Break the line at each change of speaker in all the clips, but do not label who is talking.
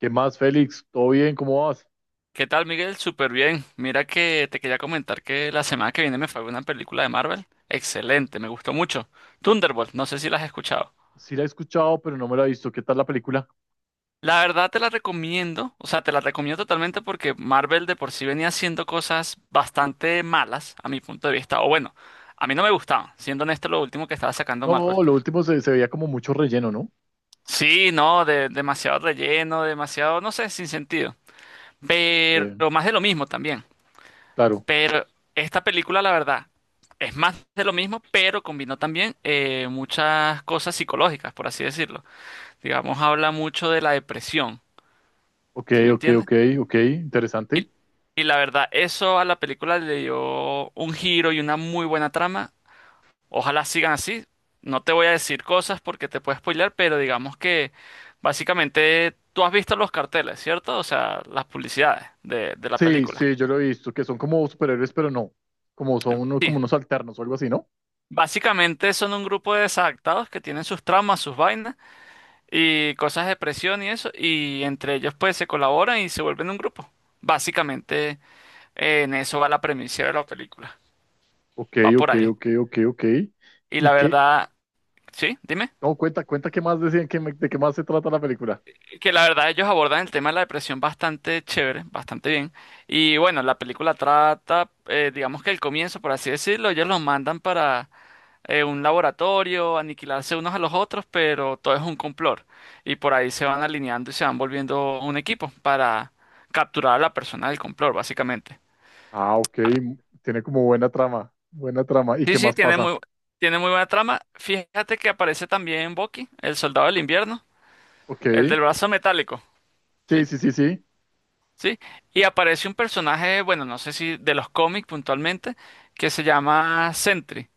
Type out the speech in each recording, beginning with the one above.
¿Qué más, Félix? ¿Todo bien? ¿Cómo vas?
¿Qué tal, Miguel? Súper bien. Mira que te quería comentar que la semana que viene me fue a ver una película de Marvel. Excelente, me gustó mucho. Thunderbolt, no sé si la has escuchado.
Sí la he escuchado, pero no me la he visto. ¿Qué tal la película?
La verdad te la recomiendo, o sea, te la recomiendo totalmente porque Marvel de por sí venía haciendo cosas bastante malas a mi punto de vista. O bueno, a mí no me gustaban, siendo honesto, lo último que estaba sacando Marvel.
No, lo último se veía como mucho relleno, ¿no?
Sí, no, demasiado relleno, demasiado, no sé, sin sentido. Pero
Eh,
más de lo mismo también.
claro.
Pero esta película, la verdad, es más de lo mismo, pero combinó también muchas cosas psicológicas, por así decirlo. Digamos, habla mucho de la depresión,
Ok,
¿sí me
ok,
entiendes?
ok, ok. Interesante.
Y la verdad, eso a la película le dio un giro y una muy buena trama. Ojalá sigan así. No te voy a decir cosas porque te puedo spoilear, pero digamos que básicamente tú has visto los carteles, ¿cierto? O sea, las publicidades de la
Sí,
película.
sí, yo lo he visto, que son como superhéroes, pero no. Como son unos,
Sí.
como unos alternos o algo así, ¿no?
Básicamente son un grupo de desadaptados que tienen sus traumas, sus vainas y cosas de presión y eso, y entre ellos pues se colaboran y se vuelven un grupo. Básicamente en eso va la premisa de la película,
Ok,
va por
ok,
ahí.
ok, ok, ok.
Y
¿Y
la
qué?
verdad, sí, dime,
No, cuenta, cuenta qué más decían, de qué más se trata la película.
que la verdad ellos abordan el tema de la depresión bastante chévere, bastante bien. Y bueno, la película trata, digamos que el comienzo, por así decirlo, ellos los mandan para un laboratorio, aniquilarse unos a los otros, pero todo es un complot. Y por ahí se van alineando y se van volviendo un equipo para capturar a la persona del complot, básicamente.
Ah, ok.
Ah,
Tiene como buena trama, buena trama. ¿Y
sí,
qué
sí,
más pasa?
tiene muy buena trama. Fíjate que aparece también Bucky, el soldado del invierno,
Ok.
el del brazo metálico,
Sí,
¿sí?
sí, sí, sí.
Sí. Y aparece un personaje, bueno, no sé si de los cómics puntualmente, que se llama Sentry,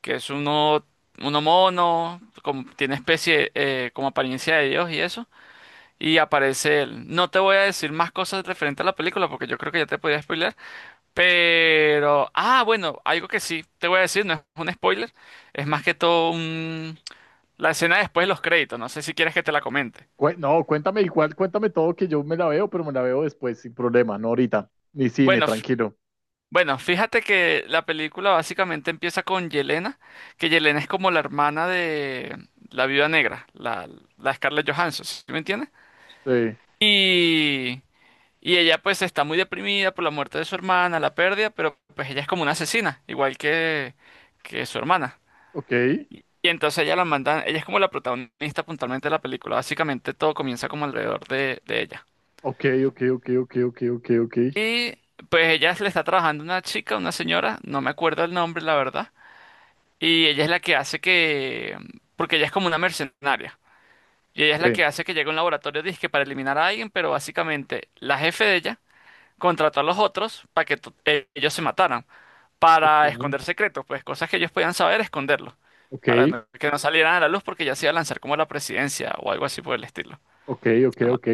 que es uno mono, como, tiene especie, como apariencia de Dios y eso. Y aparece él. No te voy a decir más cosas referente a la película porque yo creo que ya te podía spoiler. Pero, ah, bueno, algo que sí te voy a decir, no es un spoiler, es más que todo un... La escena después de los créditos. No sé si quieres que te la comente.
No, cuéntame igual, cuéntame todo que yo me la veo, pero me la veo después, sin problema, no ahorita. Ni cine,
Bueno, f-
tranquilo.
bueno, fíjate que la película básicamente empieza con Yelena, que Yelena es como la hermana de la Viuda Negra, la Scarlett Johansson, ¿sí me entiendes?
Sí.
Y Y ella pues está muy deprimida por la muerte de su hermana, la pérdida, pero pues ella es como una asesina, que su hermana.
Ok,
Y entonces ella la mandan, ella es como la protagonista puntualmente de la película, básicamente todo comienza como alrededor de ella.
ok, ok, ok, ok, ok, ok, ok.
Y pues ella le está trabajando una chica, una señora, no me acuerdo el nombre, la verdad, y ella es la que hace que, porque ella es como una mercenaria, y ella es la
Sí.
que hace que llegue a un laboratorio disque para eliminar a alguien, pero básicamente la jefe de ella contrató a los otros para que ellos se mataran,
Ok,
para esconder secretos, pues cosas que ellos podían saber, esconderlos,
ok,
para que no salieran a la luz porque ya se iba a lanzar como la presidencia o algo así por el estilo.
ok, ok,
No me-
ok,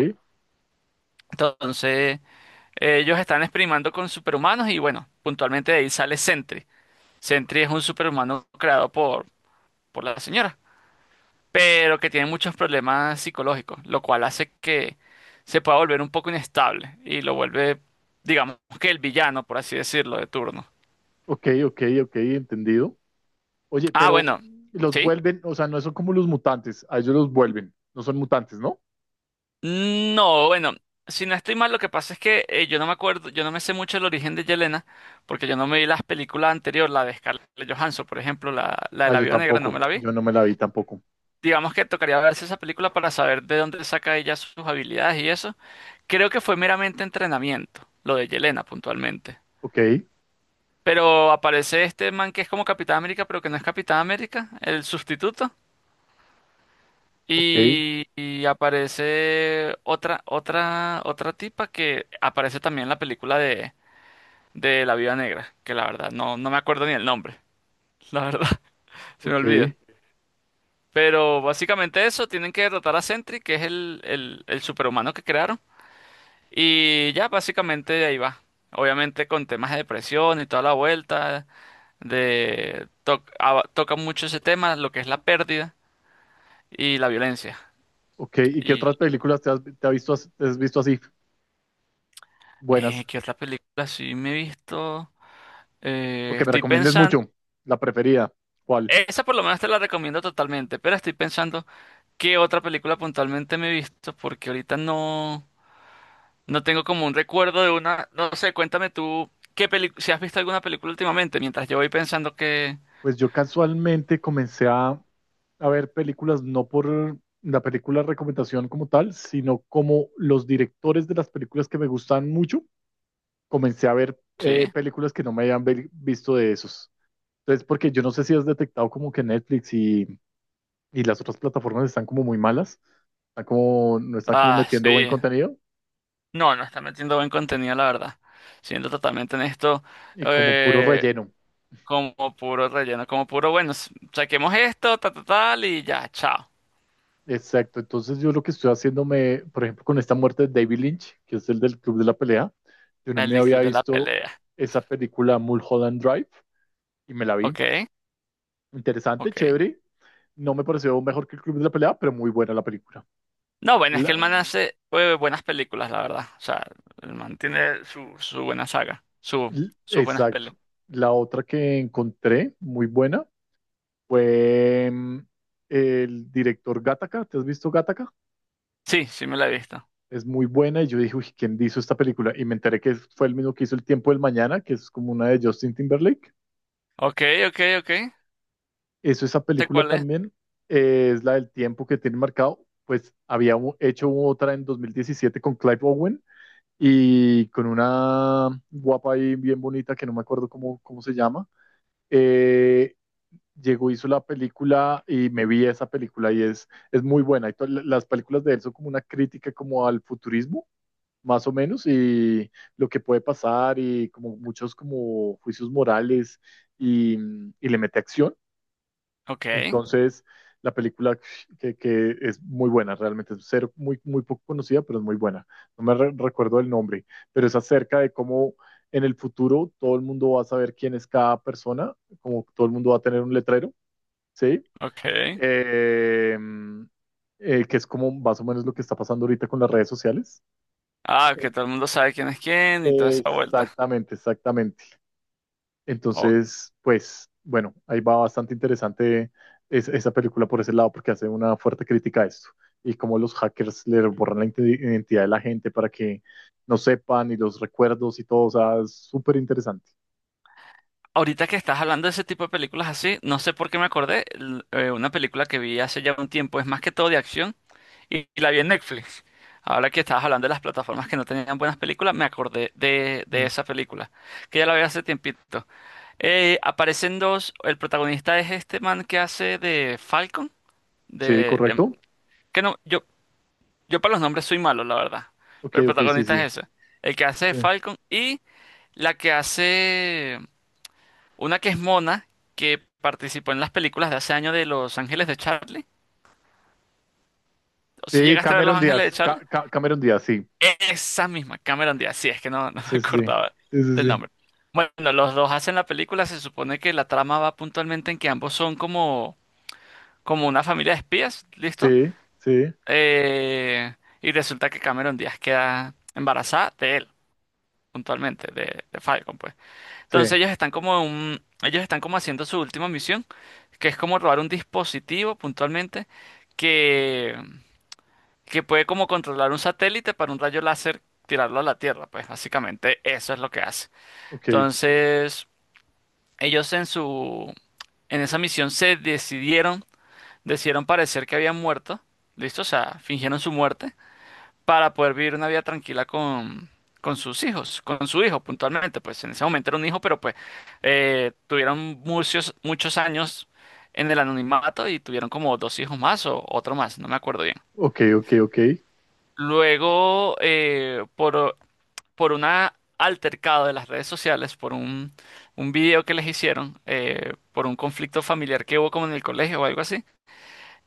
Entonces, ellos están experimentando con superhumanos y bueno, puntualmente de ahí sale Sentry. Sentry es un superhumano creado por la señora, pero que tiene muchos problemas psicológicos, lo cual hace que se pueda volver un poco inestable y lo vuelve, digamos que el villano, por así decirlo, de turno.
ok, ok, ok, entendido. Oye,
Ah,
pero
bueno,
los
sí.
vuelven, o sea, no son como los mutantes, a ellos los vuelven, no son mutantes, ¿no?
No, bueno, si no estoy mal, lo que pasa es que yo no me acuerdo, yo no me sé mucho el origen de Yelena, porque yo no me vi las películas anteriores, la de Scarlett Johansson, por ejemplo, la de
Ah,
la
yo
Viuda Negra, no me
tampoco,
la vi.
yo no me la vi tampoco.
Digamos que tocaría verse esa película para saber de dónde saca ella sus habilidades y eso. Creo que fue meramente entrenamiento, lo de Yelena puntualmente.
Ok,
Pero aparece este man que es como Capitán América, pero que no es Capitán América, el sustituto.
ok,
Y aparece otra tipa que aparece también en la película de La Viuda Negra, que la verdad no me acuerdo ni el nombre, la verdad, se me olvida.
ok,
Pero básicamente eso, tienen que derrotar a Sentry, que es el superhumano que crearon, y ya básicamente de ahí va. Obviamente con temas de depresión y toda la vuelta, de toca mucho ese tema, lo que es la pérdida y la violencia.
ok. ¿Y qué otras películas te has visto, te has visto así buenas?
¿Qué otra película sí me he visto?
¿O que me
Estoy
recomiendes
pensando,
mucho, la preferida? ¿Cuál?
esa por lo menos te la recomiendo totalmente, pero estoy pensando qué otra película puntualmente me he visto, porque ahorita no, no tengo como un recuerdo de una, no sé, cuéntame tú, qué película, si has visto alguna película últimamente, mientras yo voy pensando que...
Pues yo casualmente a ver películas no por la película recomendación como tal, sino como los directores de las películas que me gustan mucho, comencé a ver
Sí.
películas que no me visto de esos. Entonces, porque yo no sé si has detectado como que y las otras plataformas están como muy malas, están como, no están como
Ah,
metiendo buen
sí.
contenido
No, no está metiendo buen contenido, la verdad. Siendo totalmente honesto,
y como puro
eh,
relleno.
como puro relleno, como puro, bueno, saquemos esto, ta, ta, tal, y ya, chao.
Exacto, entonces yo lo que estoy haciéndome, por ejemplo, con esta muerte de David Lynch, que es el del Club de la Pelea, yo no
El
me
del
había
Club de la
visto
Pelea.
esa película Mulholland Drive y me la vi.
Ok,
Interesante,
ok.
chévere. No me pareció mejor que el Club de la Pelea, pero muy buena la película.
No, bueno, es que el
La-
man hace buenas películas, la verdad. O sea, el man tiene su buena saga, su, sus buenas peles.
exacto. La otra que encontré muy buena fue el director Gattaca. ¿Te has visto Gattaca?
Sí, sí me la he visto.
Es muy buena y yo dije, uy, ¿quién hizo esta película? Y me enteré que fue el mismo que hizo El Tiempo del Mañana, que es como una de Justin Timberlake.
Ok, ok, ok.
Eso, esa
¿Sé
película
cuál es?
también es la del tiempo que tiene marcado. Pues había hecho otra en 2017 con Clive Owen y con una guapa y bien bonita que no me acuerdo cómo se llama. Eh, Llegó, hizo la película y me vi esa película y es muy buena. Y las películas de él son como una crítica como al futurismo, más o menos, y lo que puede pasar y como muchos como juicios morales y, y le mete acción.
Ok,
Entonces, la película que es muy buena, realmente es ser muy, muy poco conocida, pero es muy buena. No me recuerdo el nombre, pero es acerca de cómo en el futuro todo el mundo va a saber quién es cada persona, como todo el mundo va a tener un letrero, ¿sí?
ok.
Eh, que es como más o menos lo que está pasando ahorita con las redes sociales.
Ah, que todo el mundo sabe quién es quién y toda esa vuelta.
Exactamente, exactamente.
O-
Entonces, pues bueno, ahí va bastante interesante esa película por ese lado porque hace una fuerte crítica a esto y cómo los hackers le borran la identidad de la gente para que no sepan y los recuerdos y todo, o sea, es súper interesante.
Ahorita que estás hablando de ese tipo de películas así, no sé por qué me acordé, una película que vi hace ya un tiempo, es más que todo de acción. Y la vi en Netflix. Ahora que estabas hablando de las plataformas que no tenían buenas películas, me acordé de
Mm.
esa película, que ya la vi hace tiempito. Aparecen dos, el protagonista es este man que hace de Falcon,
Sí,
de, de-
correcto.
que no, yo para los nombres soy malo, la verdad,
Ok,
pero el
ok, sí,
protagonista
sí.
es ese, el que hace de
Eh,
Falcon y la que hace, una que es Mona, que participó en las películas de hace años de Los Ángeles de Charlie, o si
sí,
llegaste a ver Los
Cameron
Ángeles de
Díaz,
Charlie.
Cameron Díaz, sí.
Esa misma, Cameron Díaz, sí, es que no, no me
Sí, sí, sí.
acordaba
Sí, sí,
del
sí.
nombre. Bueno, los dos hacen la película, se supone que la trama va puntualmente en que ambos son como, como una familia de espías, ¿listo?
Sí, sí,
Eh, y resulta que Cameron Díaz queda embarazada de él, puntualmente, de Falcon, pues. Entonces
sí.
ellos están como en un, ellos están como haciendo su última misión, que es como robar un dispositivo puntualmente que que puede como controlar un satélite para un rayo láser tirarlo a la Tierra, pues básicamente eso es lo que hace.
Ok,
Entonces, ellos en esa misión decidieron parecer que habían muerto, ¿listo? O sea, fingieron su muerte para poder vivir una vida tranquila con sus hijos, con su hijo puntualmente, pues en ese momento era un hijo, pero pues tuvieron muchos años en el anonimato y tuvieron como dos hijos más o otro más, no me acuerdo bien.
ok, ok, ok.
Luego, por un altercado de las redes sociales, un video que les hicieron, por un conflicto familiar que hubo como en el colegio o algo así,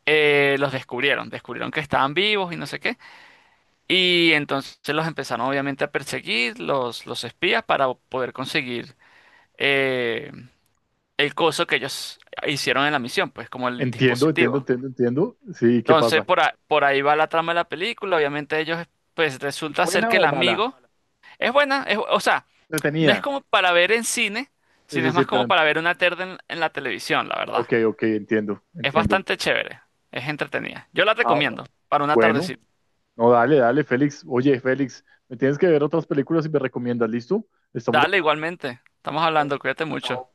los descubrieron, descubrieron que estaban vivos y no sé qué. Y entonces los empezaron obviamente a perseguir, los espías, para poder conseguir eh, el coso que ellos hicieron en la misión, pues como el
Entiendo, entiendo,
dispositivo.
entiendo, entiendo. Sí, ¿qué
Entonces,
pasa?
por ahí va la trama de la película, obviamente ellos, pues resulta ser
¿Buena
que el
o mala?
amigo. Es buena, es, o sea,
No
no es
tenía.
como para ver en cine,
Sí,
sino
sí,
es
sí,
más
pero...
como para ver una tarde en la televisión, la verdad.
Ok, ok, entiendo,
Es
entiendo.
bastante chévere, es entretenida. Yo la
Ah, bueno.
recomiendo para una
Bueno,
tardecita.
no, dale, dale, Félix. Oye, Félix, me tienes que ver otras películas y me recomiendas, ¿listo? Estamos
Dale,
hablando,
igualmente. Estamos
pero...
hablando, cuídate
Chao,
mucho.
chao.